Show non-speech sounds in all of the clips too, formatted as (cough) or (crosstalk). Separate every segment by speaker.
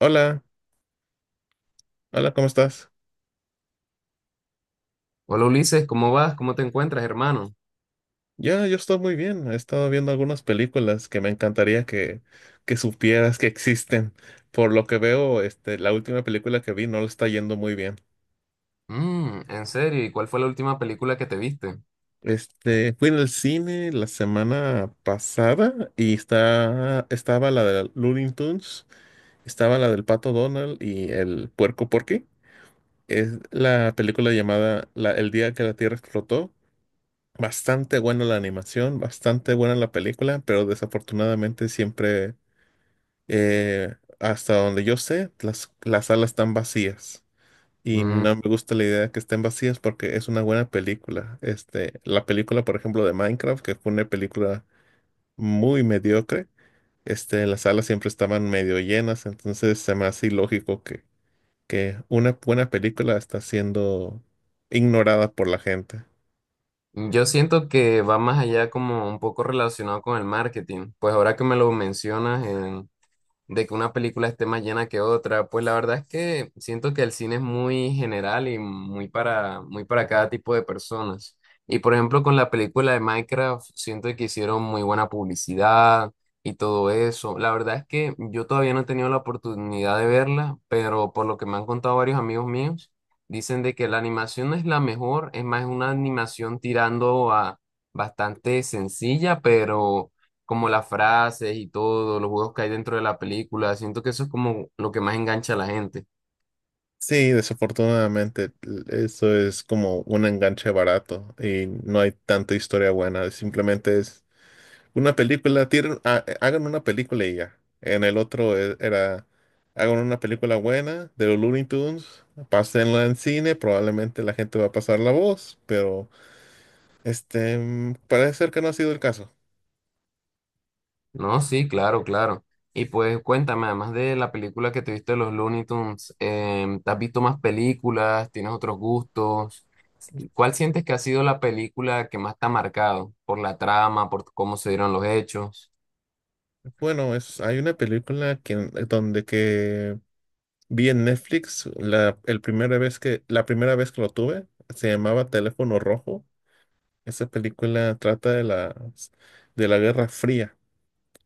Speaker 1: Hola, hola, ¿cómo estás?
Speaker 2: Hola Ulises, ¿cómo vas? ¿Cómo te encuentras, hermano?
Speaker 1: Ya, yo estoy muy bien. He estado viendo algunas películas que me encantaría que supieras que existen. Por lo que veo, este, la última película que vi no le está yendo muy bien.
Speaker 2: En serio, ¿y cuál fue la última película que te viste?
Speaker 1: Este, fui en el cine la semana pasada y estaba la de Looney Tunes, estaba la del Pato Donald y el Puerco Porky. Es la película llamada El día que la Tierra explotó. Bastante buena la animación, bastante buena la película, pero desafortunadamente hasta donde yo sé, las salas están vacías. Y
Speaker 2: Mm,
Speaker 1: no me gusta la idea de que estén vacías porque es una buena película. Este, la película, por ejemplo, de Minecraft, que fue una película muy mediocre, este, las salas siempre estaban medio llenas, entonces se me hace ilógico que una buena película está siendo ignorada por la gente.
Speaker 2: yo siento que va más allá, como un poco relacionado con el marketing. Pues ahora que me lo mencionas, de que una película esté más llena que otra. Pues la verdad es que siento que el cine es muy general y muy para cada tipo de personas. Y por ejemplo, con la película de Minecraft, siento que hicieron muy buena publicidad y todo eso. La verdad es que yo todavía no he tenido la oportunidad de verla, pero por lo que me han contado varios amigos míos, dicen de que la animación no es la mejor, es más una animación tirando a bastante sencilla, pero como las frases y todo, los juegos que hay dentro de la película. Siento que eso es como lo que más engancha a la gente.
Speaker 1: Sí, desafortunadamente eso es como un enganche barato y no hay tanta historia buena. Simplemente es una película, hagan una película y ya. En el era, hagan una película buena de los Looney Tunes, pásenla en cine, probablemente la gente va a pasar la voz, pero parece ser que no ha sido el caso.
Speaker 2: No, sí, claro, claro. Y pues cuéntame, además de la película que te viste de los Looney Tunes, ¿te has visto más películas? ¿Tienes otros gustos? ¿Cuál sientes que ha sido la película que más te ha marcado? ¿Por la trama, por cómo se dieron los hechos?
Speaker 1: Bueno, es, hay una película donde que vi en Netflix la primera vez que lo tuve, se llamaba Teléfono Rojo. Esa película trata de de la Guerra Fría.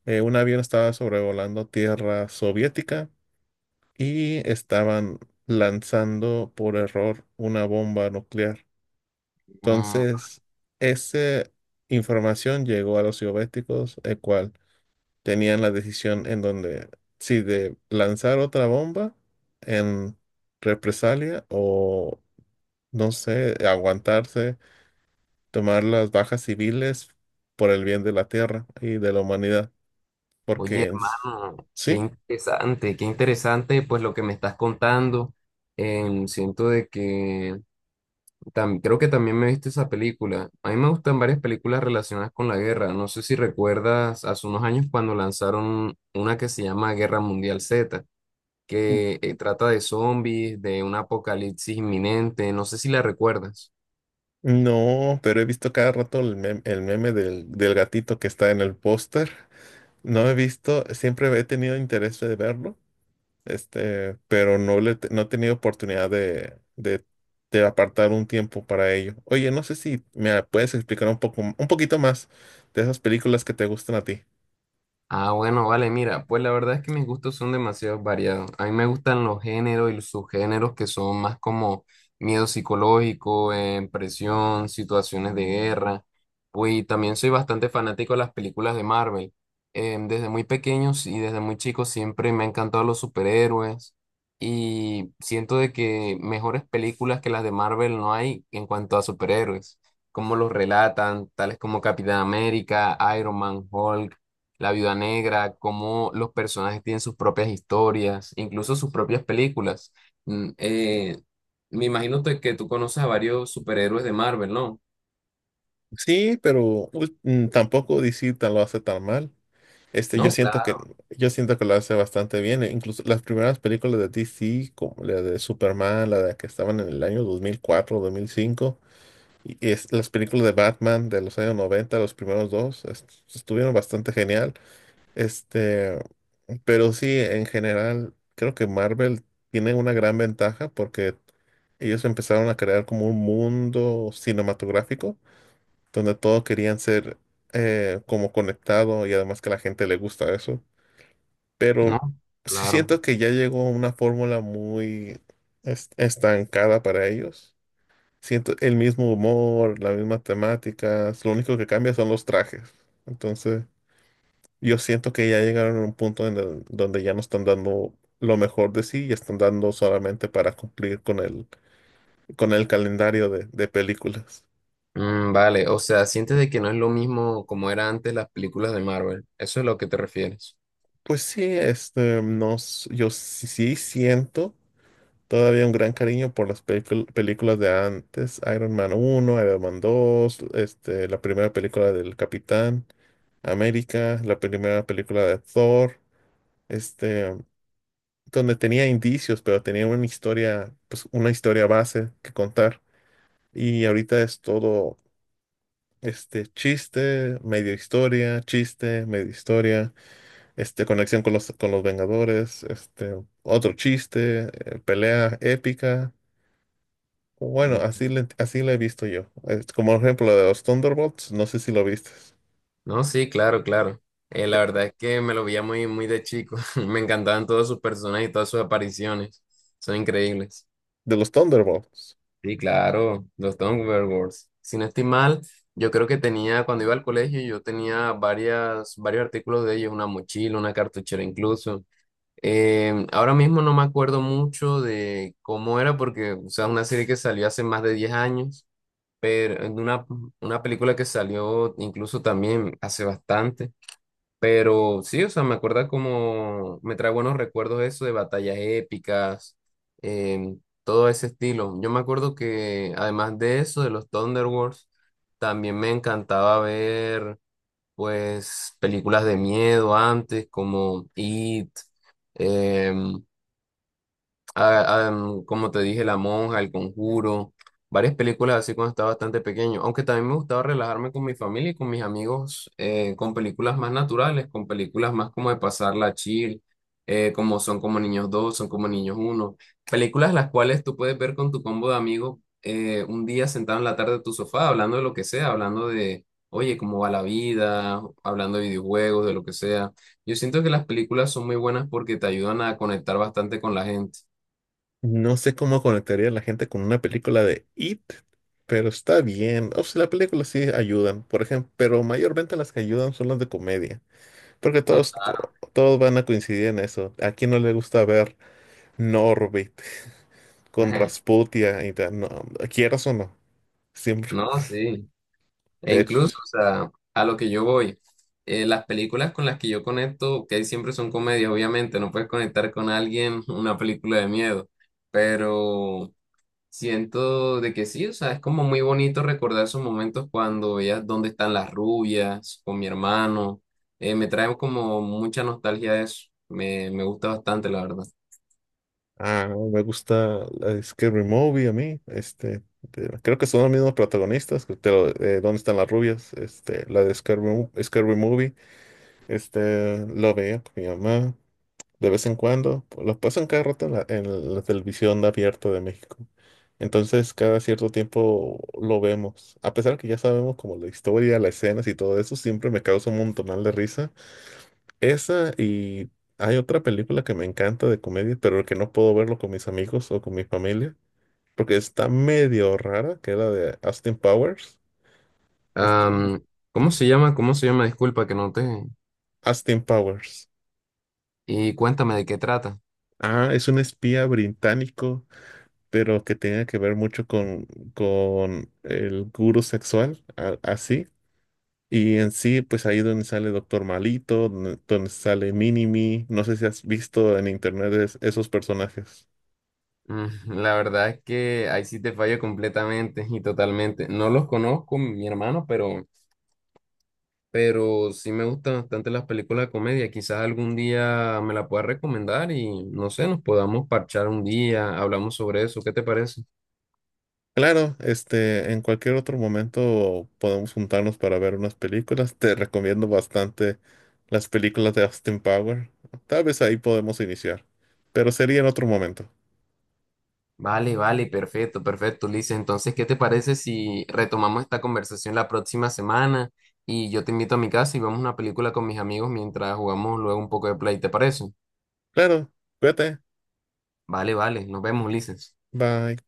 Speaker 1: Un avión estaba sobrevolando tierra soviética y estaban lanzando por error una bomba nuclear.
Speaker 2: Mm,
Speaker 1: Entonces, esa información llegó a los soviéticos, el cual tenían la decisión en donde, sí, de lanzar otra bomba en represalia o, no sé, aguantarse, tomar las bajas civiles por el bien de la tierra y de la humanidad.
Speaker 2: Oye,
Speaker 1: Porque,
Speaker 2: hermano,
Speaker 1: sí,
Speaker 2: qué interesante pues lo que me estás contando. Siento de que creo que también me viste esa película. A mí me gustan varias películas relacionadas con la guerra. No sé si recuerdas hace unos años cuando lanzaron una que se llama Guerra Mundial Z,
Speaker 1: n-
Speaker 2: que trata de zombies, de un apocalipsis inminente. No sé si la recuerdas.
Speaker 1: no, pero he visto cada rato el meme, del gatito que está en el póster. No he visto, siempre he tenido interés de verlo. Este, pero no he tenido oportunidad de apartar un tiempo para ello. Oye, no sé si me puedes explicar un poquito más de esas películas que te gustan a ti.
Speaker 2: Ah, bueno, vale, mira, pues la verdad es que mis gustos son demasiado variados. A mí me gustan los géneros y los subgéneros que son más como miedo psicológico, presión, situaciones de guerra. Pues y también soy bastante fanático de las películas de Marvel. Desde muy pequeños y desde muy chicos siempre me han encantado los superhéroes, y siento de que mejores películas que las de Marvel no hay en cuanto a superhéroes. Cómo los relatan, tales como Capitán América, Iron Man, Hulk. La Viuda Negra, cómo los personajes tienen sus propias historias, incluso sus propias películas. Mm, eh, Me imagino que tú conoces a varios superhéroes de Marvel, ¿no?
Speaker 1: Sí, pero pues, mm, tampoco DC tan lo hace tan mal. Este, yo
Speaker 2: ¿No?
Speaker 1: siento que,
Speaker 2: Claro.
Speaker 1: yo siento que lo hace bastante bien. E incluso las primeras películas de DC, como la de Superman, la de que estaban en el año 2004, 2005, y es, las películas de Batman de los años noventa, los primeros dos, estuvieron bastante genial. Este, pero sí, en general, creo que Marvel tiene una gran ventaja porque ellos empezaron a crear como un mundo cinematográfico donde todos querían ser, como conectado y además que a la gente le gusta eso.
Speaker 2: No,
Speaker 1: Pero sí
Speaker 2: claro.
Speaker 1: siento que ya llegó una fórmula muy estancada para ellos. Siento el mismo humor, las mismas temáticas, lo único que cambia son los trajes. Entonces... Yo siento que ya llegaron a un punto donde ya no están dando lo mejor de sí y están dando solamente para cumplir con el calendario de películas.
Speaker 2: Vale, o sea, sientes de que no es lo mismo como era antes las películas de Marvel. Eso es lo que te refieres.
Speaker 1: Pues sí, sí siento todavía un gran cariño por las películas de antes, Iron Man uno, Iron Man dos, este, la primera película del Capitán América, la primera película de Thor, este, donde tenía indicios, pero tenía una historia, pues una historia base que contar. Y ahorita es todo este chiste, medio historia, este conexión con los Vengadores, este otro chiste, pelea épica. Bueno,
Speaker 2: Mm.
Speaker 1: así le he visto yo. Es como ejemplo de los Thunderbolts, no sé si lo viste.
Speaker 2: No, sí, claro, claro. La verdad es que me lo veía muy, muy de chico. (laughs) Me encantaban todos sus personajes y todas sus apariciones. Son increíbles.
Speaker 1: De los Thunderbolts.
Speaker 2: Sí, claro, los Thunderbirds. Si no estoy mal, yo creo que tenía, cuando iba al colegio, yo tenía varias, varios artículos de ellos, una mochila, una cartuchera incluso. Ahora mismo no me acuerdo mucho de cómo era, porque, o sea, una serie que salió hace más de 10 años, pero en una, película que salió incluso también hace bastante. Pero sí, o sea, me acuerda como, me trae buenos recuerdos eso de batallas épicas, todo ese estilo. Yo me acuerdo que además de eso, de los Thunder Wars, también me encantaba ver, pues, películas de miedo antes, como It, em, como te dije, La Monja, El Conjuro, varias películas así cuando estaba bastante pequeño, aunque también me gustaba relajarme con mi familia y con mis amigos, con películas más naturales, con películas más como de pasarla chill, como Son como Niños 2, Son como Niños uno, películas las cuales tú puedes ver con tu combo de amigos, un día sentado en la tarde de tu sofá, hablando de lo que sea, hablando de, oye, cómo va la vida, hablando de videojuegos, de lo que sea. Yo siento que las películas son muy buenas porque te ayudan a conectar bastante con la gente.
Speaker 1: No sé cómo conectaría a la gente con una película de It, pero está bien. O sea, las películas sí ayudan, por ejemplo, pero mayormente las que ayudan son las de comedia. Porque
Speaker 2: No, claro.
Speaker 1: todos van a coincidir en eso. ¿A quién no le gusta ver Norbit (laughs) con
Speaker 2: (laughs)
Speaker 1: Rasputia y tal? No, quieras o no, siempre.
Speaker 2: No, sí. E
Speaker 1: De
Speaker 2: incluso,
Speaker 1: hecho,
Speaker 2: o sea, a lo que yo voy, las películas con las que yo conecto, que siempre son comedias, obviamente, no puedes conectar con alguien (laughs) una película de miedo, pero siento de que sí, o sea, es como muy bonito recordar esos momentos cuando veías Dónde Están las Rubias, con mi hermano, me trae como mucha nostalgia eso, me gusta bastante, la verdad.
Speaker 1: ah, no, me gusta la de Scary Movie a mí. Este, de- creo que son los mismos protagonistas, que te lo- ¿dónde están las rubias? Este, la de Scary Movie. Este, lo veía con mi mamá de vez en cuando, pues los pasan cada rato en en la televisión abierta de México. Entonces, cada cierto tiempo lo vemos. A pesar que ya sabemos como la historia, las escenas y todo eso, siempre me causa un montonal de risa. Esa y hay otra película que me encanta de comedia, pero que no puedo verlo con mis amigos o con mi familia, porque está medio rara, que era de Austin Powers. Este,
Speaker 2: Am, ¿Cómo se llama? ¿Cómo se llama? Disculpa que no te...
Speaker 1: Austin Powers.
Speaker 2: Y cuéntame de qué trata.
Speaker 1: Ah, es un espía británico pero que tenga que ver mucho con el gurú sexual, así. Y en sí, pues ahí donde sale Doctor Malito, donde sale Minimi, no sé si has visto en internet esos personajes.
Speaker 2: Mm, La verdad es que ahí sí te fallo completamente y totalmente. No los conozco, mi hermano, pero sí me gustan bastante las películas de comedia. Quizás algún día me la puedas recomendar y no sé, nos podamos parchar un día, hablamos sobre eso. ¿Qué te parece?
Speaker 1: Claro, este, en cualquier otro momento podemos juntarnos para ver unas películas. Te recomiendo bastante las películas de Austin Power. Tal vez ahí podemos iniciar, pero sería en otro momento.
Speaker 2: Vale, vale, perfecto, perfecto, Ulises. Entonces, ¿qué te parece si retomamos esta conversación la próxima semana y yo te invito a mi casa y vemos una película con mis amigos mientras jugamos luego un poco de play? ¿Te parece?
Speaker 1: Claro, cuídate.
Speaker 2: Vale, vale, nos vemos, Ulises.
Speaker 1: Bye.